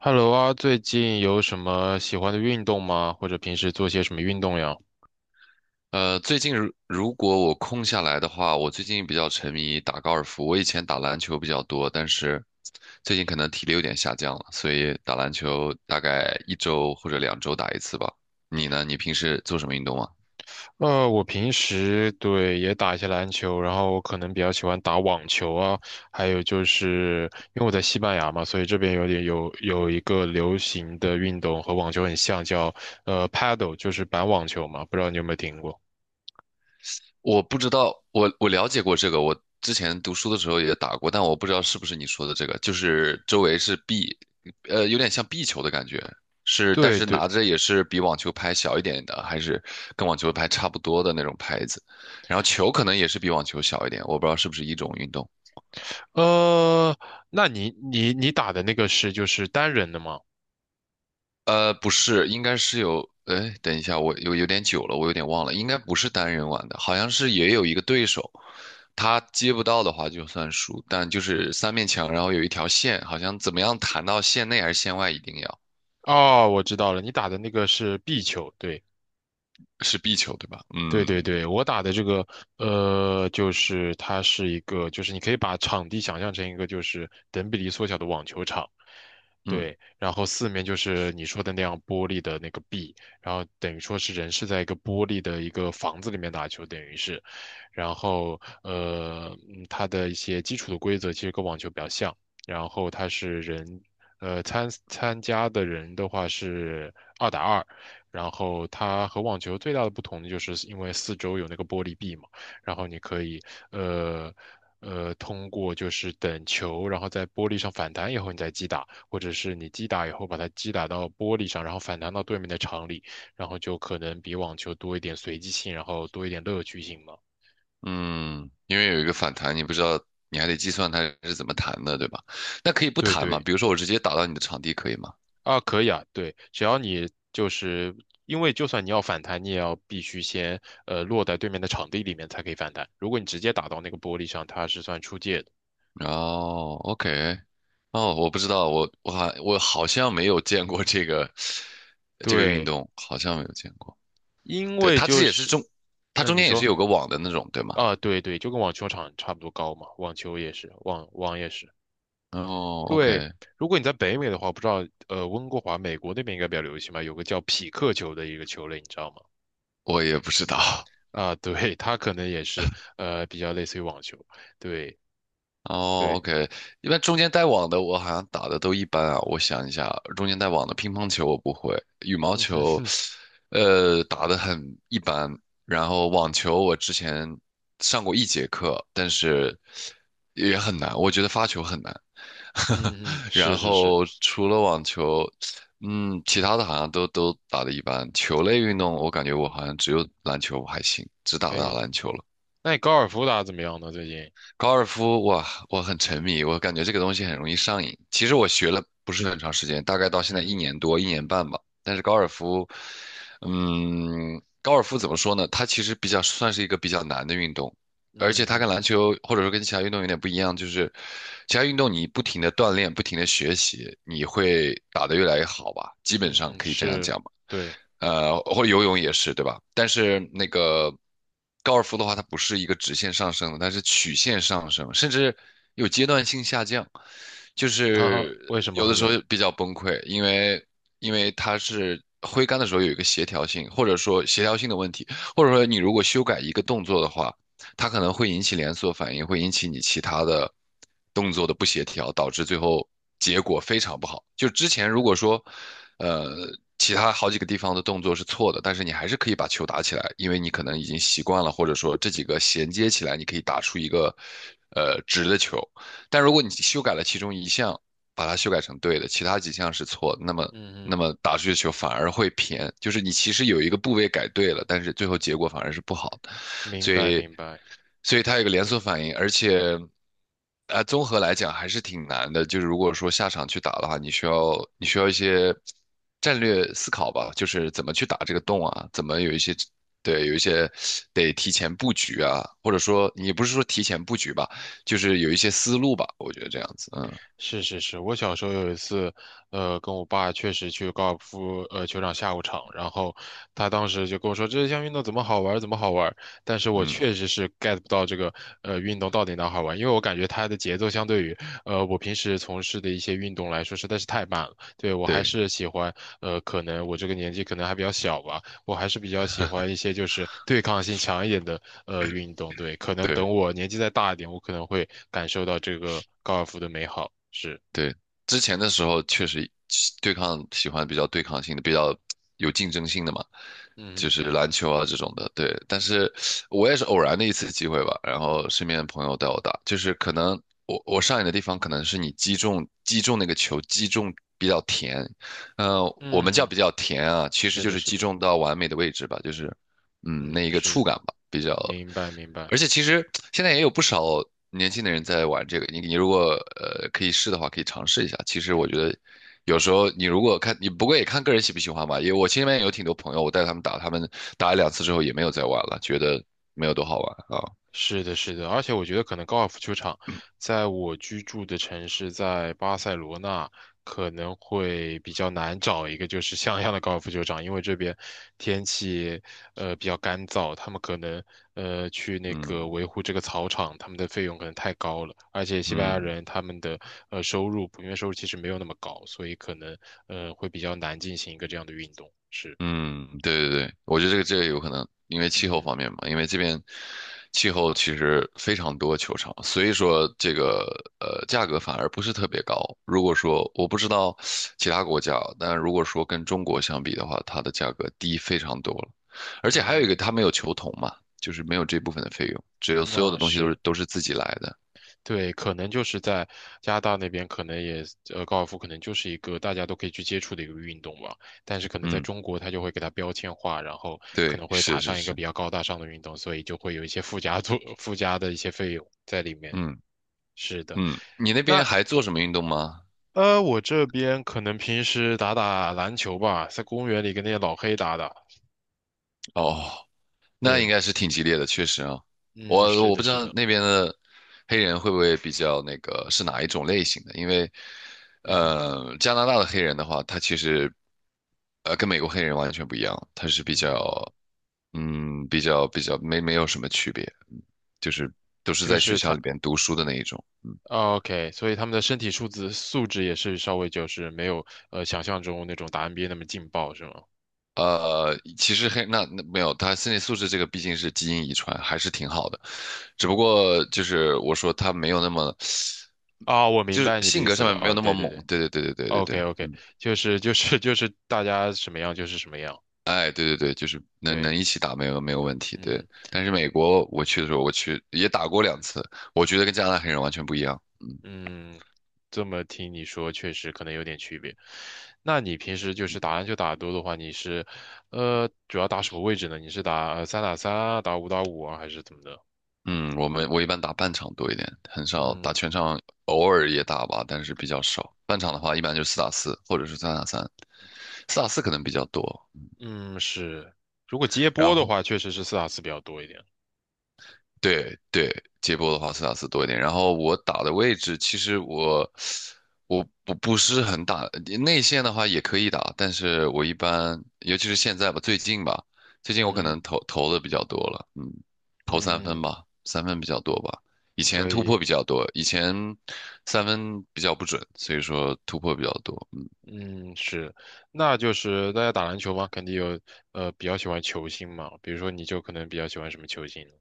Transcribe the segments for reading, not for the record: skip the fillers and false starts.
Hello 啊，最近有什么喜欢的运动吗？或者平时做些什么运动呀？最近如果我空下来的话，我最近比较沉迷打高尔夫。我以前打篮球比较多，但是最近可能体力有点下降了，所以打篮球大概1周或者2周打一次吧。你呢？你平时做什么运动啊？我平时对也打一些篮球，然后我可能比较喜欢打网球啊，还有就是因为我在西班牙嘛，所以这边有点有一个流行的运动和网球很像，叫paddle，就是板网球嘛，不知道你有没有听过？我不知道，我了解过这个，我之前读书的时候也打过，但我不知道是不是你说的这个，就是周围是壁，有点像壁球的感觉，是，但对是对，拿着也是比网球拍小一点的，还是跟网球拍差不多的那种拍子，然后球可能也是比网球小一点，我不知道是不是一种运动。呃，那你打的那个是就是单人的吗？不是，应该是有，哎，等一下，我有点久了，我有点忘了，应该不是单人玩的，好像是也有一个对手，他接不到的话就算输，但就是三面墙，然后有一条线，好像怎么样弹到线内还是线外，一定要哦，我知道了，你打的那个是壁球，对。是壁球对吧？对嗯对对，我打的这个，就是它是一个，就是你可以把场地想象成一个就是等比例缩小的网球场。嗯对，然后四面就是你说的那样玻璃的那个壁，然后等于说是人是在一个玻璃的一个房子里面打球，等于是。然后它的一些基础的规则其实跟网球比较像，然后它是人，参加的人的话是二打二，然后它和网球最大的不同就是因为四周有那个玻璃壁嘛，然后你可以呃。通过就是等球，然后在玻璃上反弹以后，你再击打，或者是你击打以后把它击打到玻璃上，然后反弹到对面的场里，然后就可能比网球多一点随机性，然后多一点乐趣性嘛。嗯，因为有一个反弹，你不知道，你还得计算它是怎么弹的，对吧？那可以不对弹吗？对比如说我直接打到你的场地可以吗？啊，可以啊，对，只要你就是因为就算你要反弹，你也要必须先落在对面的场地里面才可以反弹。如果你直接打到那个玻璃上，它是算出界的。哦，OK，哦，我不知道，我好像没有见过这个运对，动，好像没有见过。因对，为就是，它那中你间也是说有个网的那种，对吗？啊，对对，就跟网球场差不多高嘛，网球也是，网也是。哦对，，OK，如果你在北美的话，不知道温哥华美国那边应该比较流行吧，有个叫匹克球的一个球类，你知道吗？我也不知道。啊，对，它可能也是比较类似于网球，对。哦对，，OK，一般中间带网的我好像打的都一般啊。我想一下，中间带网的乒乓球我不会，羽毛球，打的很一般。然后网球我之前上过1节课，但是也很难，我觉得发球很难。嗯嗯，是然是是，后除了网球，其他的好像都打的一般。球类运动我感觉我好像只有篮球还行，只可打打以。篮球了。那你高尔夫打得怎么样呢？最近？高尔夫，哇，我很沉迷，我感觉这个东西很容易上瘾。其实我学了不是很长时间，大概到现在一嗯年多、1年半吧。但是高尔夫，高尔夫怎么说呢？它其实比较算是一个比较难的运动，而且它跟嗯篮球或者说跟其他运动有点不一样，就是其他运动你不停的锻炼、不停的学习，你会打得越来越好吧？基本嗯上嗯，可以这样是，讲吧。对。或者游泳也是，对吧？但是那个高尔夫的话，它不是一个直线上升的，它是曲线上升，甚至有阶段性下降，就 哈哈，是为什么有会的这时候样？比较崩溃，因为它是挥杆的时候有一个协调性，或者说协调性的问题，或者说你如果修改一个动作的话，它可能会引起连锁反应，会引起你其他的动作的不协调，导致最后结果非常不好。就之前如果说，呃，其他好几个地方的动作是错的，但是你还是可以把球打起来，因为你可能已经习惯了，或者说这几个衔接起来，你可以打出一个直的球。但如果你修改了其中一项，把它修改成对的，其他几项是错的那么嗯那嗯，么打出去的球反而会偏，就是你其实有一个部位改对了，但是最后结果反而是不好的。明所白以，明白。所以它有个连锁反应，而且，综合来讲还是挺难的。就是如果说下场去打的话，你需要一些战略思考吧，就是怎么去打这个洞啊，怎么有一些得提前布局啊，或者说你不是说提前布局吧，就是有一些思路吧，我觉得这样子，嗯是是是，我小时候有一次，跟我爸确实去高尔夫球场下午场，然后他当时就跟我说这项运动怎么好玩儿，怎么好玩儿，但是我嗯，确实是 get 不到这个运动到底哪儿好玩，因为我感觉它的节奏相对于我平时从事的一些运动来说实在是太慢了。对，我还对是喜欢可能我这个年纪可能还比较小吧，我还是比较喜欢一些就是对抗性强一点的运动。对，可能对。等我年纪再大一点，我可能会感受到这个高尔夫的美好。是，对，之前的时候确实喜欢比较对抗性的，比较有竞争性的嘛，就嗯是篮球啊这种的。对，但是我也是偶然的一次机会吧，然后身边的朋友带我打，就是可能我上瘾的地方可能是你击中那个球击中比较甜，嗯、我们叫嗯，比较甜啊，其实是就的，是是击的，中到完美的位置吧，就是那嗯，一个触是，感吧，比较。明白明白。而且其实现在也有不少年轻的人在玩这个，你如果可以试的话，可以尝试一下。其实我觉得有时候你如果看你不过也看个人喜不喜欢吧，因为我身边有挺多朋友，我带他们打，他们打了两次之后也没有再玩了，觉得没有多好玩啊。是的，是的，而且我觉得可能高尔夫球场在我居住的城市，在巴塞罗那可能会比较难找一个就是像样的高尔夫球场。因为这边天气比较干燥，他们可能去那嗯个维护这个草场，他们的费用可能太高了。而且西班牙嗯。人他们的收入普遍收入其实没有那么高，所以可能会比较难进行一个这样的运动。是，嗯，对对对，我觉得这个有可能，因为气候嗯方面嘛，因为这边气候其实非常多球场，所以说这个价格反而不是特别高。如果说我不知道其他国家啊，但如果说跟中国相比的话，它的价格低非常多了，而且还有一个嗯，它没有球童嘛，就是没有这部分的费用，只有嗯所有的那东西都是是。都是自己来的。对，可能就是在加拿大那边，可能也高尔夫可能就是一个大家都可以去接触的一个运动吧。但是可能在嗯，中国，它就会给它标签化，然后可对，能会是打是上一个是，比较高大上的运动，所以就会有一些附加作 附加的一些费用在里面。嗯是的，嗯，你那边那还做什么运动吗？我这边可能平时打打篮球吧，在公园里跟那些老黑打打。哦，那应对，该是挺激烈的，确实啊，嗯，我是我不的，知是道的，那边的黑人会不会比较那个是哪一种类型的，因为嗯哼，加拿大的黑人的话，他其实跟美国黑人完全不一样，他是比嗯，较没有什么区别，就是都是就在学是校他。里边读书的那一种。哦 OK，所以他们的身体素质也是稍微就是没有想象中那种打 NBA 那么劲爆，是吗？其实黑那没有，他身体素质这个毕竟是基因遗传，还是挺好的。只不过就是我说他没有那么，啊、我明就是白你的性意格思上了。面没有啊、那么对对猛。对对对对对对对，OK 对，OK，就是大家什么样就是什么样。哎，对对对，就是能对，一起打没有问题。对，嗯但是美国我去的时候，我去也打过两次，我觉得跟加拿大黑人完全不一样。嗯嗯，这么听你说，确实可能有点区别。那你平时就是打篮球打得多的话，你是主要打什么位置呢？你是打三打三啊，打五打五啊，还是怎么的？嗯，我一般打半场多一点，很少打嗯全场，偶尔也打吧，但是比较少。半场的话，一般就四打四或者是三打三，四打四可能比较多。嗯，是。如果接然波的后话，确实是四打四比较多一点。对对，接波的话斯塔斯多一点。然后我打的位置，其实我不是很打内线的话也可以打，但是我一般，尤其是现在吧，最近吧，最近我可嗯能投的比较多了，投三分嗯，吧，三分比较多吧。以前可突破以，比较多，以前三分比较不准，所以说突破比较多。嗯嗯，是，那就是大家打篮球嘛，肯定有比较喜欢球星嘛，比如说你就可能比较喜欢什么球星呢？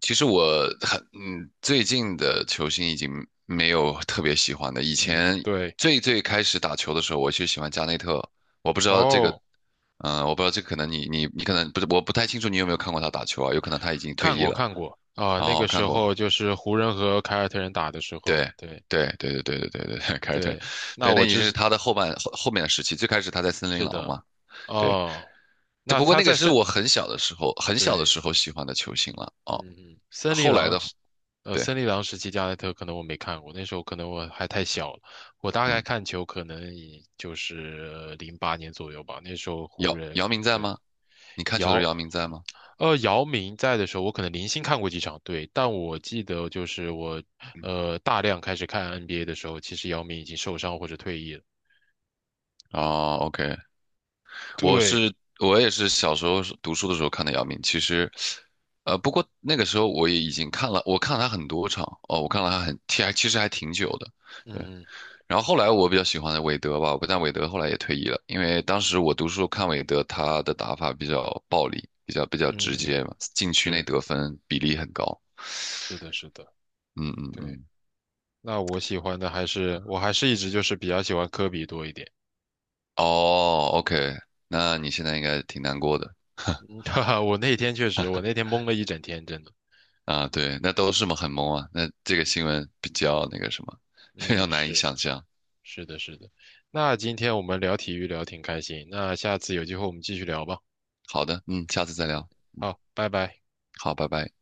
其实我很嗯，最近的球星已经没有特别喜欢的。以嗯，前对，最开始打球的时候，我就喜欢加内特。我不知道这个，哦，我不知道这个可能你可能不是，我不太清楚你有没有看过他打球啊？有可能他已经退看役过了。看过啊，那哦，个时看候过，就是湖人和凯尔特人打的时候，对对对对对对对对对，凯尔特人对，那对，那我已经知是他的后半后后面的时期。最开始他在森林是狼的，嘛，对。哦，只那不过他那个在是三，我很小的时候，很小的对。时候喜欢的球星了。哦，嗯嗯，后来的，对，森林狼时期加内特可能我没看过，那时候可能我还太小了。我大概嗯，看球可能也就是08年左右吧，那时候湖姚人。姚明在对，吗？你看球的时姚，候姚明在吗？姚明在的时候，我可能零星看过几场。对，但我记得就是我，大量开始看 NBA 的时候，其实姚明已经受伤或者退役了。哦，OK，我对，是我也是小时候是读书的时候看的姚明。其实，不过那个时候我也已经看了，我看了他很多场哦，我看了他很，其实还挺久的。对，嗯然后后来我比较喜欢的韦德吧，但韦德后来也退役了，因为当时我读书看韦德，他的打法比较暴力，比较直嗯接嘛，嗯，禁区内是得分比例很高。是的，是的，嗯嗯对。嗯，那我喜欢的还是，我还是一直就是比较喜欢科比多一点。哦，OK，那你现在应该挺难过的。哈哈，我那天确实，我那天懵了一整天，真的。啊，对，那都是嘛，很懵啊。那这个新闻比较那个什么，非常嗯，难以是想象。是的，是的。那今天我们聊体育聊挺开心，那下次有机会我们继续聊吧。好的，下次再嗯，聊。好，拜拜。好，拜拜。